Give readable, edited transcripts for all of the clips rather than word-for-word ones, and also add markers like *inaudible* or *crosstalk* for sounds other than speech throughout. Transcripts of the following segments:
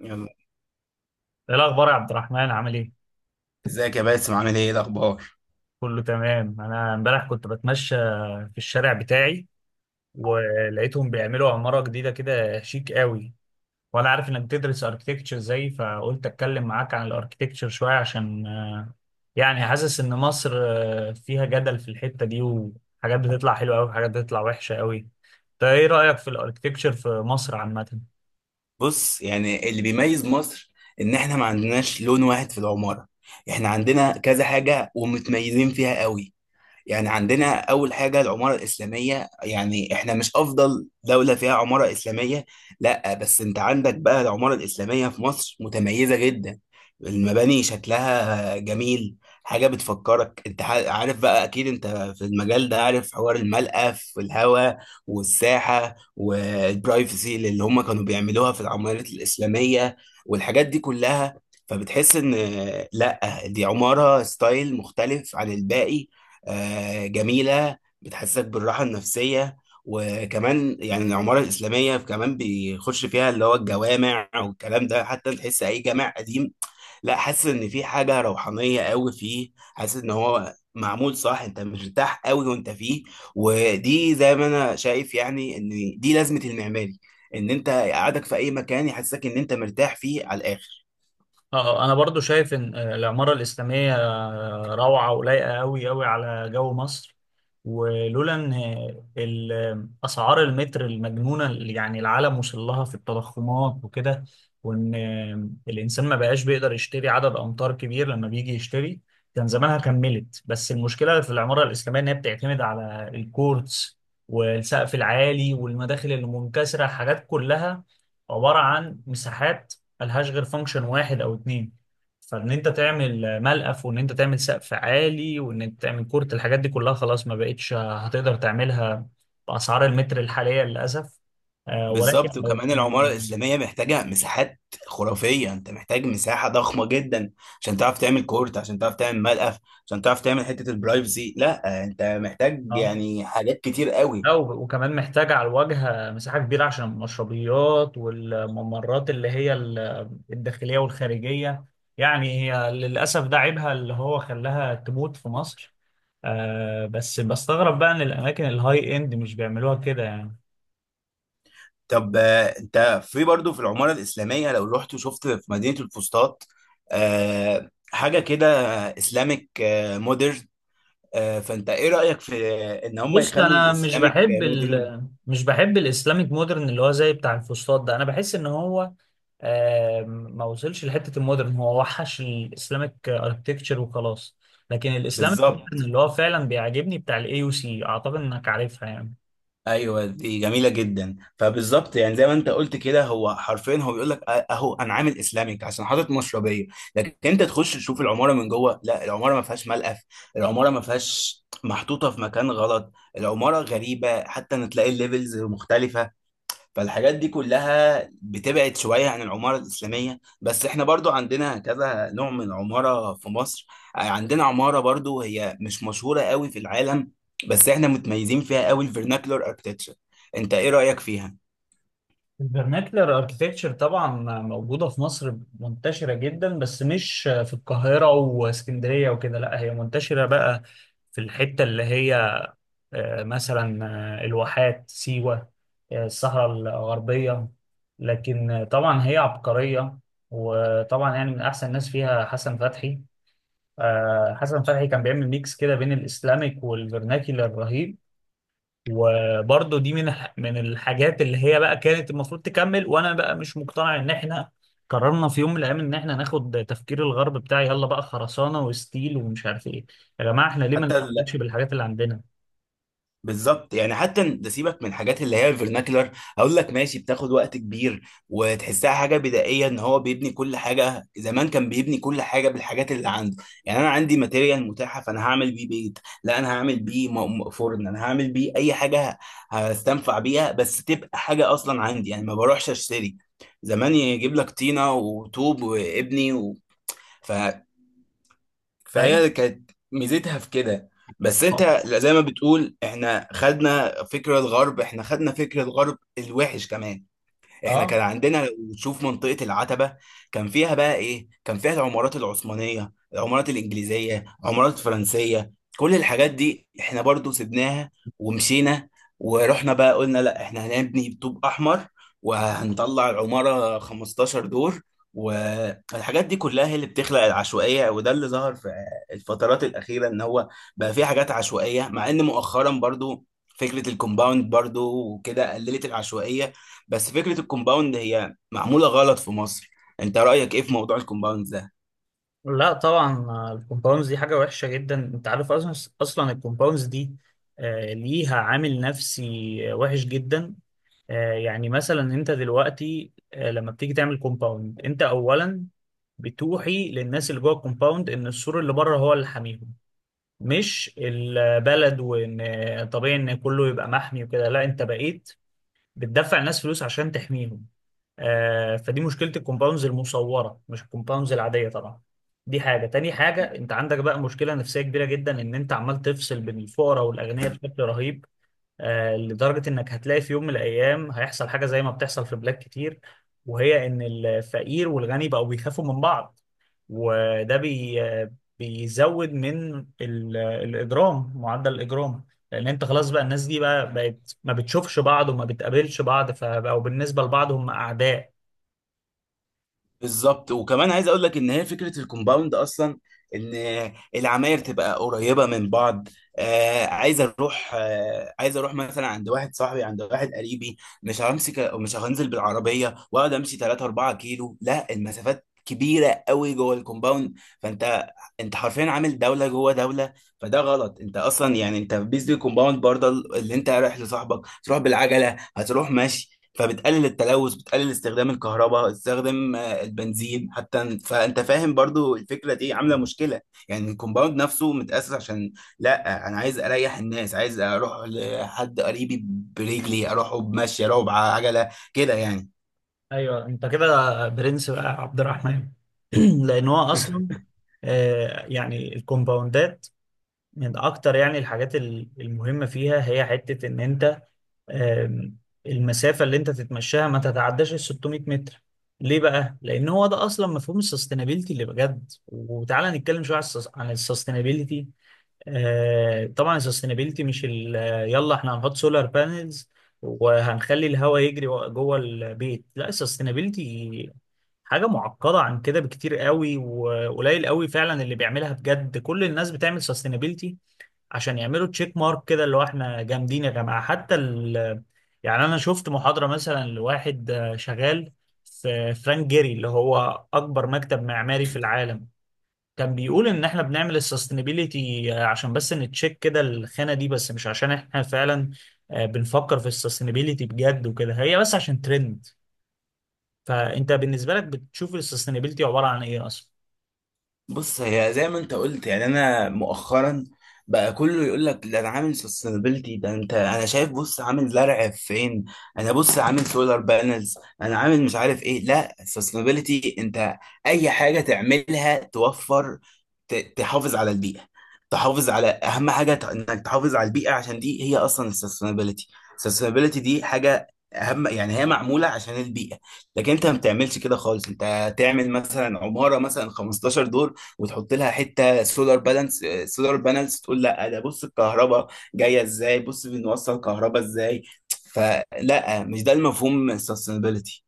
يلا. ايه الاخبار يا عبد الرحمن، عامل ايه؟ ازيك يا باسم؟ عامل ايه؟ إيه الاخبار؟ كله تمام. انا امبارح كنت بتمشى في الشارع بتاعي، ولقيتهم بيعملوا عمارة جديدة كده شيك قوي. وانا عارف انك بتدرس اركتكتشر زي، فقلت اتكلم معاك عن الاركتكتشر شوية، عشان يعني حاسس ان مصر فيها جدل في الحتة دي، وحاجات بتطلع حلوة قوي وحاجات بتطلع وحشة قوي. انت ايه رأيك في الاركتكتشر في مصر عامة؟ بص، يعني اللي بيميز مصر ان احنا ما عندناش لون واحد في العمارة. احنا عندنا كذا حاجة ومتميزين فيها قوي. يعني عندنا أول حاجة العمارة الإسلامية، يعني إحنا مش أفضل دولة فيها عمارة إسلامية، لأ، بس أنت عندك بقى العمارة الإسلامية في مصر متميزة جدا. المباني شكلها جميل، حاجة بتفكرك. أنت عارف بقى، أكيد أنت في المجال ده، عارف حوار الملقى في الهواء والساحة والبرايفسي اللي هم كانوا بيعملوها في العمارات الإسلامية والحاجات دي كلها. فبتحس ان لا، دي عمارة ستايل مختلف عن الباقي، جميلة، بتحسسك بالراحة النفسية. وكمان يعني العمارة الإسلامية كمان بيخش فيها اللي هو الجوامع والكلام ده. حتى تحس أي جامع قديم، لا، حاسس إن في حاجة روحانية قوي فيه، حاسس إن هو معمول صح، أنت مرتاح قوي وأنت فيه. ودي زي ما أنا شايف يعني، إن دي لازمة المعماري، إن أنت قعدك في أي مكان يحسسك إن أنت مرتاح فيه على الآخر. اه. انا برضو شايف ان العمارة الإسلامية روعة ولايقة قوي قوي على جو مصر. ولولا ان اسعار المتر المجنونة اللي يعني العالم وصل لها في التضخمات وكده، وان الانسان ما بقاش بيقدر يشتري عدد امتار كبير لما بيجي يشتري، كان زمانها كملت. بس المشكلة في العمارة الإسلامية ان هي بتعتمد على الكورتس والسقف العالي والمداخل المنكسرة، حاجات كلها عبارة عن مساحات ملهاش غير فانكشن واحد او اتنين. فان انت تعمل ملقف، وان انت تعمل سقف عالي، وان انت تعمل كورت، الحاجات دي كلها خلاص ما بقتش هتقدر تعملها باسعار المتر الحاليه للاسف. ولكن بالظبط. لو وكمان العمارة الإسلامية محتاجة مساحات خرافية، أنت محتاج مساحة ضخمة جدا عشان تعرف تعمل كورت، عشان تعرف تعمل ملقف، عشان تعرف تعمل حتة البرايفسي. لا، أنت محتاج اه. يعني حاجات كتير قوي. لا و- وكمان محتاج على الواجهة مساحة كبيرة عشان المشربيات والممرات اللي هي الداخلية والخارجية. يعني هي للأسف ده عيبها اللي هو خلاها تموت في مصر. بس بستغرب بقى إن الأماكن الهاي إند مش بيعملوها كده يعني. طب أنت في برضو في العمارة الإسلامية لو رحت وشفت في مدينة الفسطاط حاجة كده، إسلامك مودرن، فأنت إيه رأيك في إن هم بص، يخلوا أنا الإسلامك مودرن؟ مش بحب الإسلاميك مودرن اللي هو زي بتاع الفسطاط ده. أنا بحس إن هو آم، ما وصلش لحته المودرن، هو وحش الاسلامك اركتكتشر وخلاص. لكن الاسلامك مودرن بالظبط. اللي هو فعلا بيعجبني بتاع الاي يو سي، اعتقد انك عارفها يعني. ايوه دي جميله جدا. فبالظبط يعني زي ما انت قلت كده، هو حرفيا بيقول لك اهو انا عامل اسلامك عشان حاطط مشربيه، لكن انت تخش تشوف العماره من جوه، لا، العماره ما فيهاش ملقف، العماره ما فيهاش محطوطه في مكان غلط، العماره غريبه، حتى ان تلاقي الليفلز مختلفه. فالحاجات دي كلها بتبعد شوية عن العمارة الإسلامية. بس إحنا برضو عندنا كذا نوع من العمارة في مصر. عندنا عمارة برضو هي مش مشهورة قوي في العالم، بس إحنا متميزين فيها قوي، الفيرناكلر اركتكتشر. أنت إيه رأيك فيها؟ الفرناكلر اركتكتشر طبعا موجوده في مصر، منتشره جدا، بس مش في القاهره واسكندريه وكده. لا هي منتشره بقى في الحته اللي هي مثلا الواحات، سيوة، الصحراء الغربية. لكن طبعا هي عبقرية. وطبعا يعني من أحسن الناس فيها حسن فتحي. حسن فتحي كان بيعمل ميكس كده بين الإسلاميك والفرناكي الرهيب. وبرضه دي من الحاجات اللي هي بقى كانت المفروض تكمل. وأنا بقى مش مقتنع إن إحنا قررنا في يوم من الأيام إن إحنا ناخد تفكير الغرب بتاع، يلا بقى خرسانة وستيل ومش عارف إيه. يا جماعة، إحنا ليه ما حتى نشتغلش بالحاجات اللي عندنا؟ بالظبط، يعني حتى ده سيبك من الحاجات اللي هي الفرناكلر، هقول لك ماشي، بتاخد وقت كبير وتحسها حاجه بدائيه، ان هو بيبني كل حاجه. زمان كان بيبني كل حاجه بالحاجات اللي عنده، يعني انا عندي ماتيريال متاحه، فانا هعمل بيه بيت، لا، انا هعمل بيه فرن، انا هعمل بيه اي حاجه هستنفع بيها، بس تبقى حاجه اصلا عندي، يعني ما بروحش اشتري. زمان يجيب لك طينه وطوب وابني أي؟ فهي كانت ميزتها في كده. بس انت زي ما بتقول، احنا خدنا فكرة الغرب، احنا خدنا فكرة الغرب الوحش كمان. احنا اه. كان عندنا، لو تشوف منطقة العتبة، كان فيها بقى ايه؟ كان فيها العمارات العثمانية، العمارات الإنجليزية، العمارات الفرنسية، كل الحاجات دي احنا برضو سيبناها ومشينا، ورحنا بقى قلنا لا، احنا هنبني طوب أحمر وهنطلع العمارة 15 دور. والحاجات دي كلها هي اللي بتخلق العشوائية، وده اللي ظهر في الفترات الأخيرة، إن هو بقى في حاجات عشوائية. مع إن مؤخرا برضو فكرة الكومباوند برضو وكده قللت العشوائية، بس فكرة الكومباوند هي معمولة غلط في مصر. انت رأيك ايه في موضوع الكومباوند ده؟ لا طبعا. الكومباوندز دي حاجة وحشة جدا. انت عارف اصلا، اصلا الكومباوندز دي ليها عامل نفسي وحش جدا. يعني مثلا انت دلوقتي لما بتيجي تعمل كومباوند، انت اولا بتوحي للناس اللي جوه الكومباوند ان السور اللي بره هو اللي حاميهم، مش البلد. وان طبيعي ان كله يبقى محمي وكده، لا، انت بقيت بتدفع الناس فلوس عشان تحميهم. فدي مشكلة الكومباوندز المصورة، مش الكومباوندز العادية طبعا. دي حاجة. تاني حاجة، انت عندك بقى مشكلة نفسية كبيرة جدا، ان انت عمال تفصل بين الفقراء والأغنياء بشكل رهيب. لدرجة انك هتلاقي في يوم من الأيام هيحصل حاجة زي ما بتحصل في بلاد كتير، وهي ان الفقير والغني بقوا بيخافوا من بعض. وده بيزود من الإجرام، معدل الإجرام. لأن أنت خلاص بقى الناس دي بقى بقت ما بتشوفش بعض وما بتقابلش بعض، فبقوا بالنسبة لبعض هم أعداء. بالظبط. وكمان عايز اقول لك ان هي فكره الكومباوند اصلا ان العماير تبقى قريبه من بعض. آه، عايز اروح، آه، عايز اروح مثلا عند واحد صاحبي، عند واحد قريبي، مش همسك، مش هنزل بالعربيه واقعد امشي 3 4 كيلو. لا، المسافات كبيره قوي جوه الكومباوند. فانت انت حرفيا عامل دوله جوه دوله. فده غلط، انت اصلا يعني انت بيز دي كومباوند برضه اللي انت رايح لصاحبك تروح بالعجله، هتروح ماشي، فبتقلل التلوث، بتقلل استخدام الكهرباء، استخدام البنزين حتى. فانت فاهم برضو الفكره دي عامله مشكله. يعني الكومباوند نفسه متاسس عشان، لا، انا عايز اريح الناس، عايز اروح لحد قريبي برجلي، اروحه بمشي، اروحه بعجله كده يعني. ايوه، انت كده برنس بقى يا عبد الرحمن. *clears throat* لان هو اصلا يعني الكومباوندات من اكتر يعني الحاجات المهمه فيها، هي حته ان انت آم، المسافه اللي انت تتمشاها ما تتعداش ال 600 متر. ليه بقى؟ لان هو ده اصلا مفهوم السستينابيلتي اللي بجد. وتعالى نتكلم شويه عن السستينابيلتي. طبعا السستينابيلتي مش يلا احنا هنحط سولار بانلز وهنخلي الهواء يجري جوه البيت، لا، السستينابيلتي حاجة معقدة عن كده بكتير قوي. وقليل قوي فعلا اللي بيعملها بجد. كل الناس بتعمل سستينابيلتي عشان يعملوا تشيك مارك كده، اللي هو احنا جامدين يا جماعة. حتى يعني انا شفت محاضرة مثلا لواحد شغال في فرانك جيري، اللي هو اكبر مكتب معماري في العالم، كان بيقول ان احنا بنعمل السستينابيليتي عشان بس نتشيك كده الخانة دي بس، مش عشان احنا فعلا بنفكر في السستينابيليتي بجد وكده. هي بس عشان ترند. فانت بالنسبة لك بتشوف السستينابيليتي عبارة عن ايه اصلا؟ بص، هي زي ما انت قلت، يعني انا مؤخرا بقى كله يقول لك ده انا عامل سستينابيلتي، ده انت انا شايف، بص عامل زرع فين، انا بص عامل سولار بانلز، انا عامل مش عارف ايه. لا، السستينابيلتي انت اي حاجه تعملها توفر، تحافظ على البيئه، تحافظ على اهم حاجه، انك تحافظ على البيئه، عشان دي هي اصلا السستينابيلتي. السستينابيلتي دي حاجه اهم، يعني هي معموله عشان البيئه. لكن انت ما بتعملش كده خالص، انت تعمل مثلا عماره مثلا 15 دور وتحط لها حته سولار بالانس، سولار بانلز، تقول لا ده بص الكهرباء جايه ازاي، بص بنوصل كهرباء ازاي، فلا، مش ده المفهوم sustainability.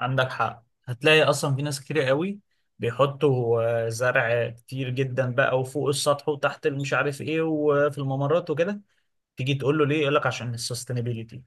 عندك حق، هتلاقي اصلا في ناس كتير قوي بيحطوا زرع كتير جدا بقى، وفوق السطح وتحت، مش عارف ايه، وفي الممرات وكده. تيجي تقول له ليه، يقول لك عشان السستينابيليتي.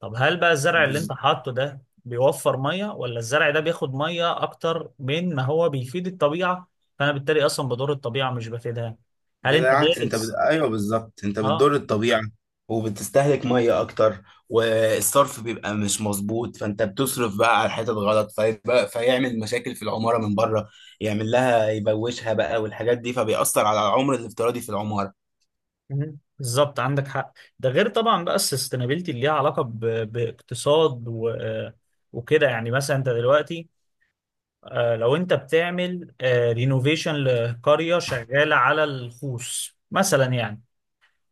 طب هل بقى الزرع اللي انت بز- حاطه ده بيوفر ميه، ولا الزرع ده بياخد ميه اكتر من ما هو بيفيد الطبيعه؟ فانا بالتالي اصلا بضر الطبيعه، مش بفيدها. هل انت بالعكس انت دارس؟ ايوه بالظبط، انت اه. بتضر الطبيعه وبتستهلك ميه اكتر، والصرف بيبقى مش مظبوط، فانت بتصرف بقى على الحتت غلط، فيبقى فيعمل مشاكل في العماره من بره، يعمل لها يبوشها بقى والحاجات دي، فبيأثر على العمر الافتراضي في العماره. مهم. بالظبط، عندك حق. ده غير طبعا بقى السستينابيلتي اللي ليها علاقه باقتصاد وكده يعني. مثلا انت دلوقتي لو انت بتعمل رينوفيشن لقريه شغاله على الخوص مثلا يعني،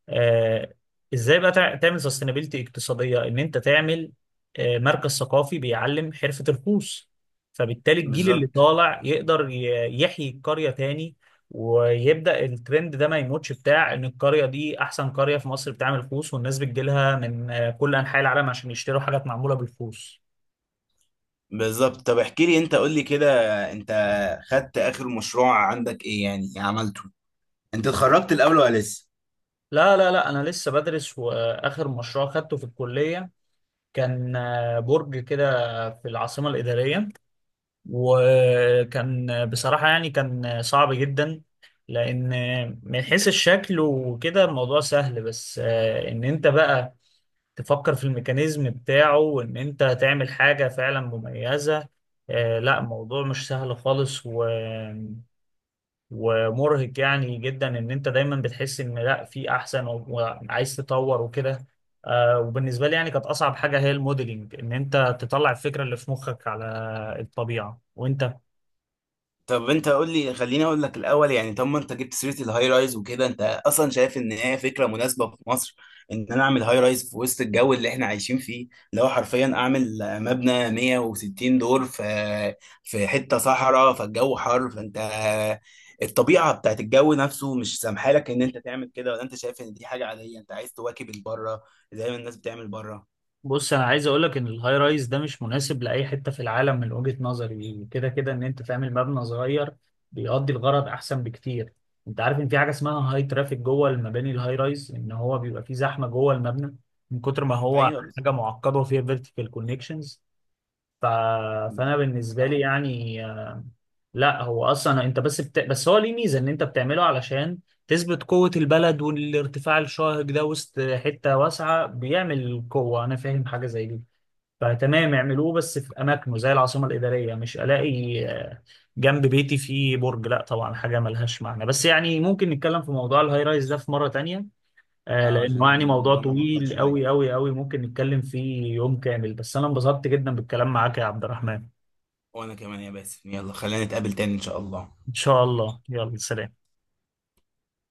آه، ازاي بقى تعمل سستينابيلتي اقتصاديه؟ ان انت تعمل مركز ثقافي بيعلم حرفه الخوص، فبالتالي الجيل اللي بالظبط. طالع يقدر يحيي القريه تاني. ويبدا الترند ده ما يموتش، بتاع ان القريه دي احسن قريه في مصر بتعمل خوص، والناس بتجيلها من كل انحاء العالم عشان يشتروا حاجات معموله بالخوص. بالظبط. طب احكي لي، انت قول لي كده، انت خدت اخر مشروع عندك ايه يعني عملته؟ انت اتخرجت الاول ولا لسه؟ لا انا لسه بدرس. واخر مشروع خدته في الكليه كان برج كده في العاصمه الاداريه. وكان بصراحة يعني كان صعب جدا. لأن من حيث الشكل وكده الموضوع سهل، بس إن أنت بقى تفكر في الميكانيزم بتاعه وإن أنت تعمل حاجة فعلا مميزة، لا، الموضوع مش سهل خالص و... ومرهق يعني جدا. إن أنت دايما بتحس إن لا، في أحسن، وعايز تطور وكده. وبالنسبة لي يعني كانت أصعب حاجة هي الموديلينج، إن أنت تطلع الفكرة اللي في مخك على الطبيعة، وأنت. طب انت قول لي، خليني اقول لك الاول يعني. طب ما انت جبت سيره الهاي رايز وكده، انت اصلا شايف ان هي فكره مناسبه في مصر، ان انا اعمل هاي رايز في وسط الجو اللي احنا عايشين فيه، اللي هو حرفيا اعمل مبنى 160 دور في حته صحراء، فالجو حر، فانت الطبيعه بتاعت الجو نفسه مش سامحه لك ان انت تعمل كده؟ ولا انت شايف ان دي حاجه عاديه، انت عايز تواكب البره زي ما الناس بتعمل بره؟ بص، انا عايز اقول لك ان الهاي رايز ده مش مناسب لاي حته في العالم من وجهه نظري يعني. كده كده ان انت تعمل مبنى صغير بيقضي الغرض احسن بكتير. انت عارف ان في حاجه اسمها هاي ترافيك جوه المباني الهاي رايز، ان هو بيبقى فيه زحمه جوه المبنى من كتر ما هو ايوه حاجه معقده وفيها فيرتيكال كونكشنز. ف... بس- فانا بالنسبه اه. لي يعني لا هو اصلا انت بس بس هو ليه ميزه؟ ان انت بتعمله علشان تثبت قوه البلد، والارتفاع الشاهق ده وسط حته واسعه بيعمل قوه، انا فاهم حاجه زي دي. فتمام، اعملوه بس في اماكنه زي العاصمه الاداريه. مش الاقي جنب بيتي فيه برج، لا طبعا، حاجه ملهاش معنى. بس يعني ممكن نتكلم في موضوع الهاي رايز ده في مره تانية، اه، عشان لانه يعني موضوع الموضوع معقد طويل شويه. قوي قوي قوي، ممكن نتكلم فيه يوم كامل. بس انا انبسطت جدا بالكلام معاك يا عبد الرحمن. وانا كمان يا باسم، يلا خلينا نتقابل تاني ان شاء الله. ان شاء الله، يلا سلام.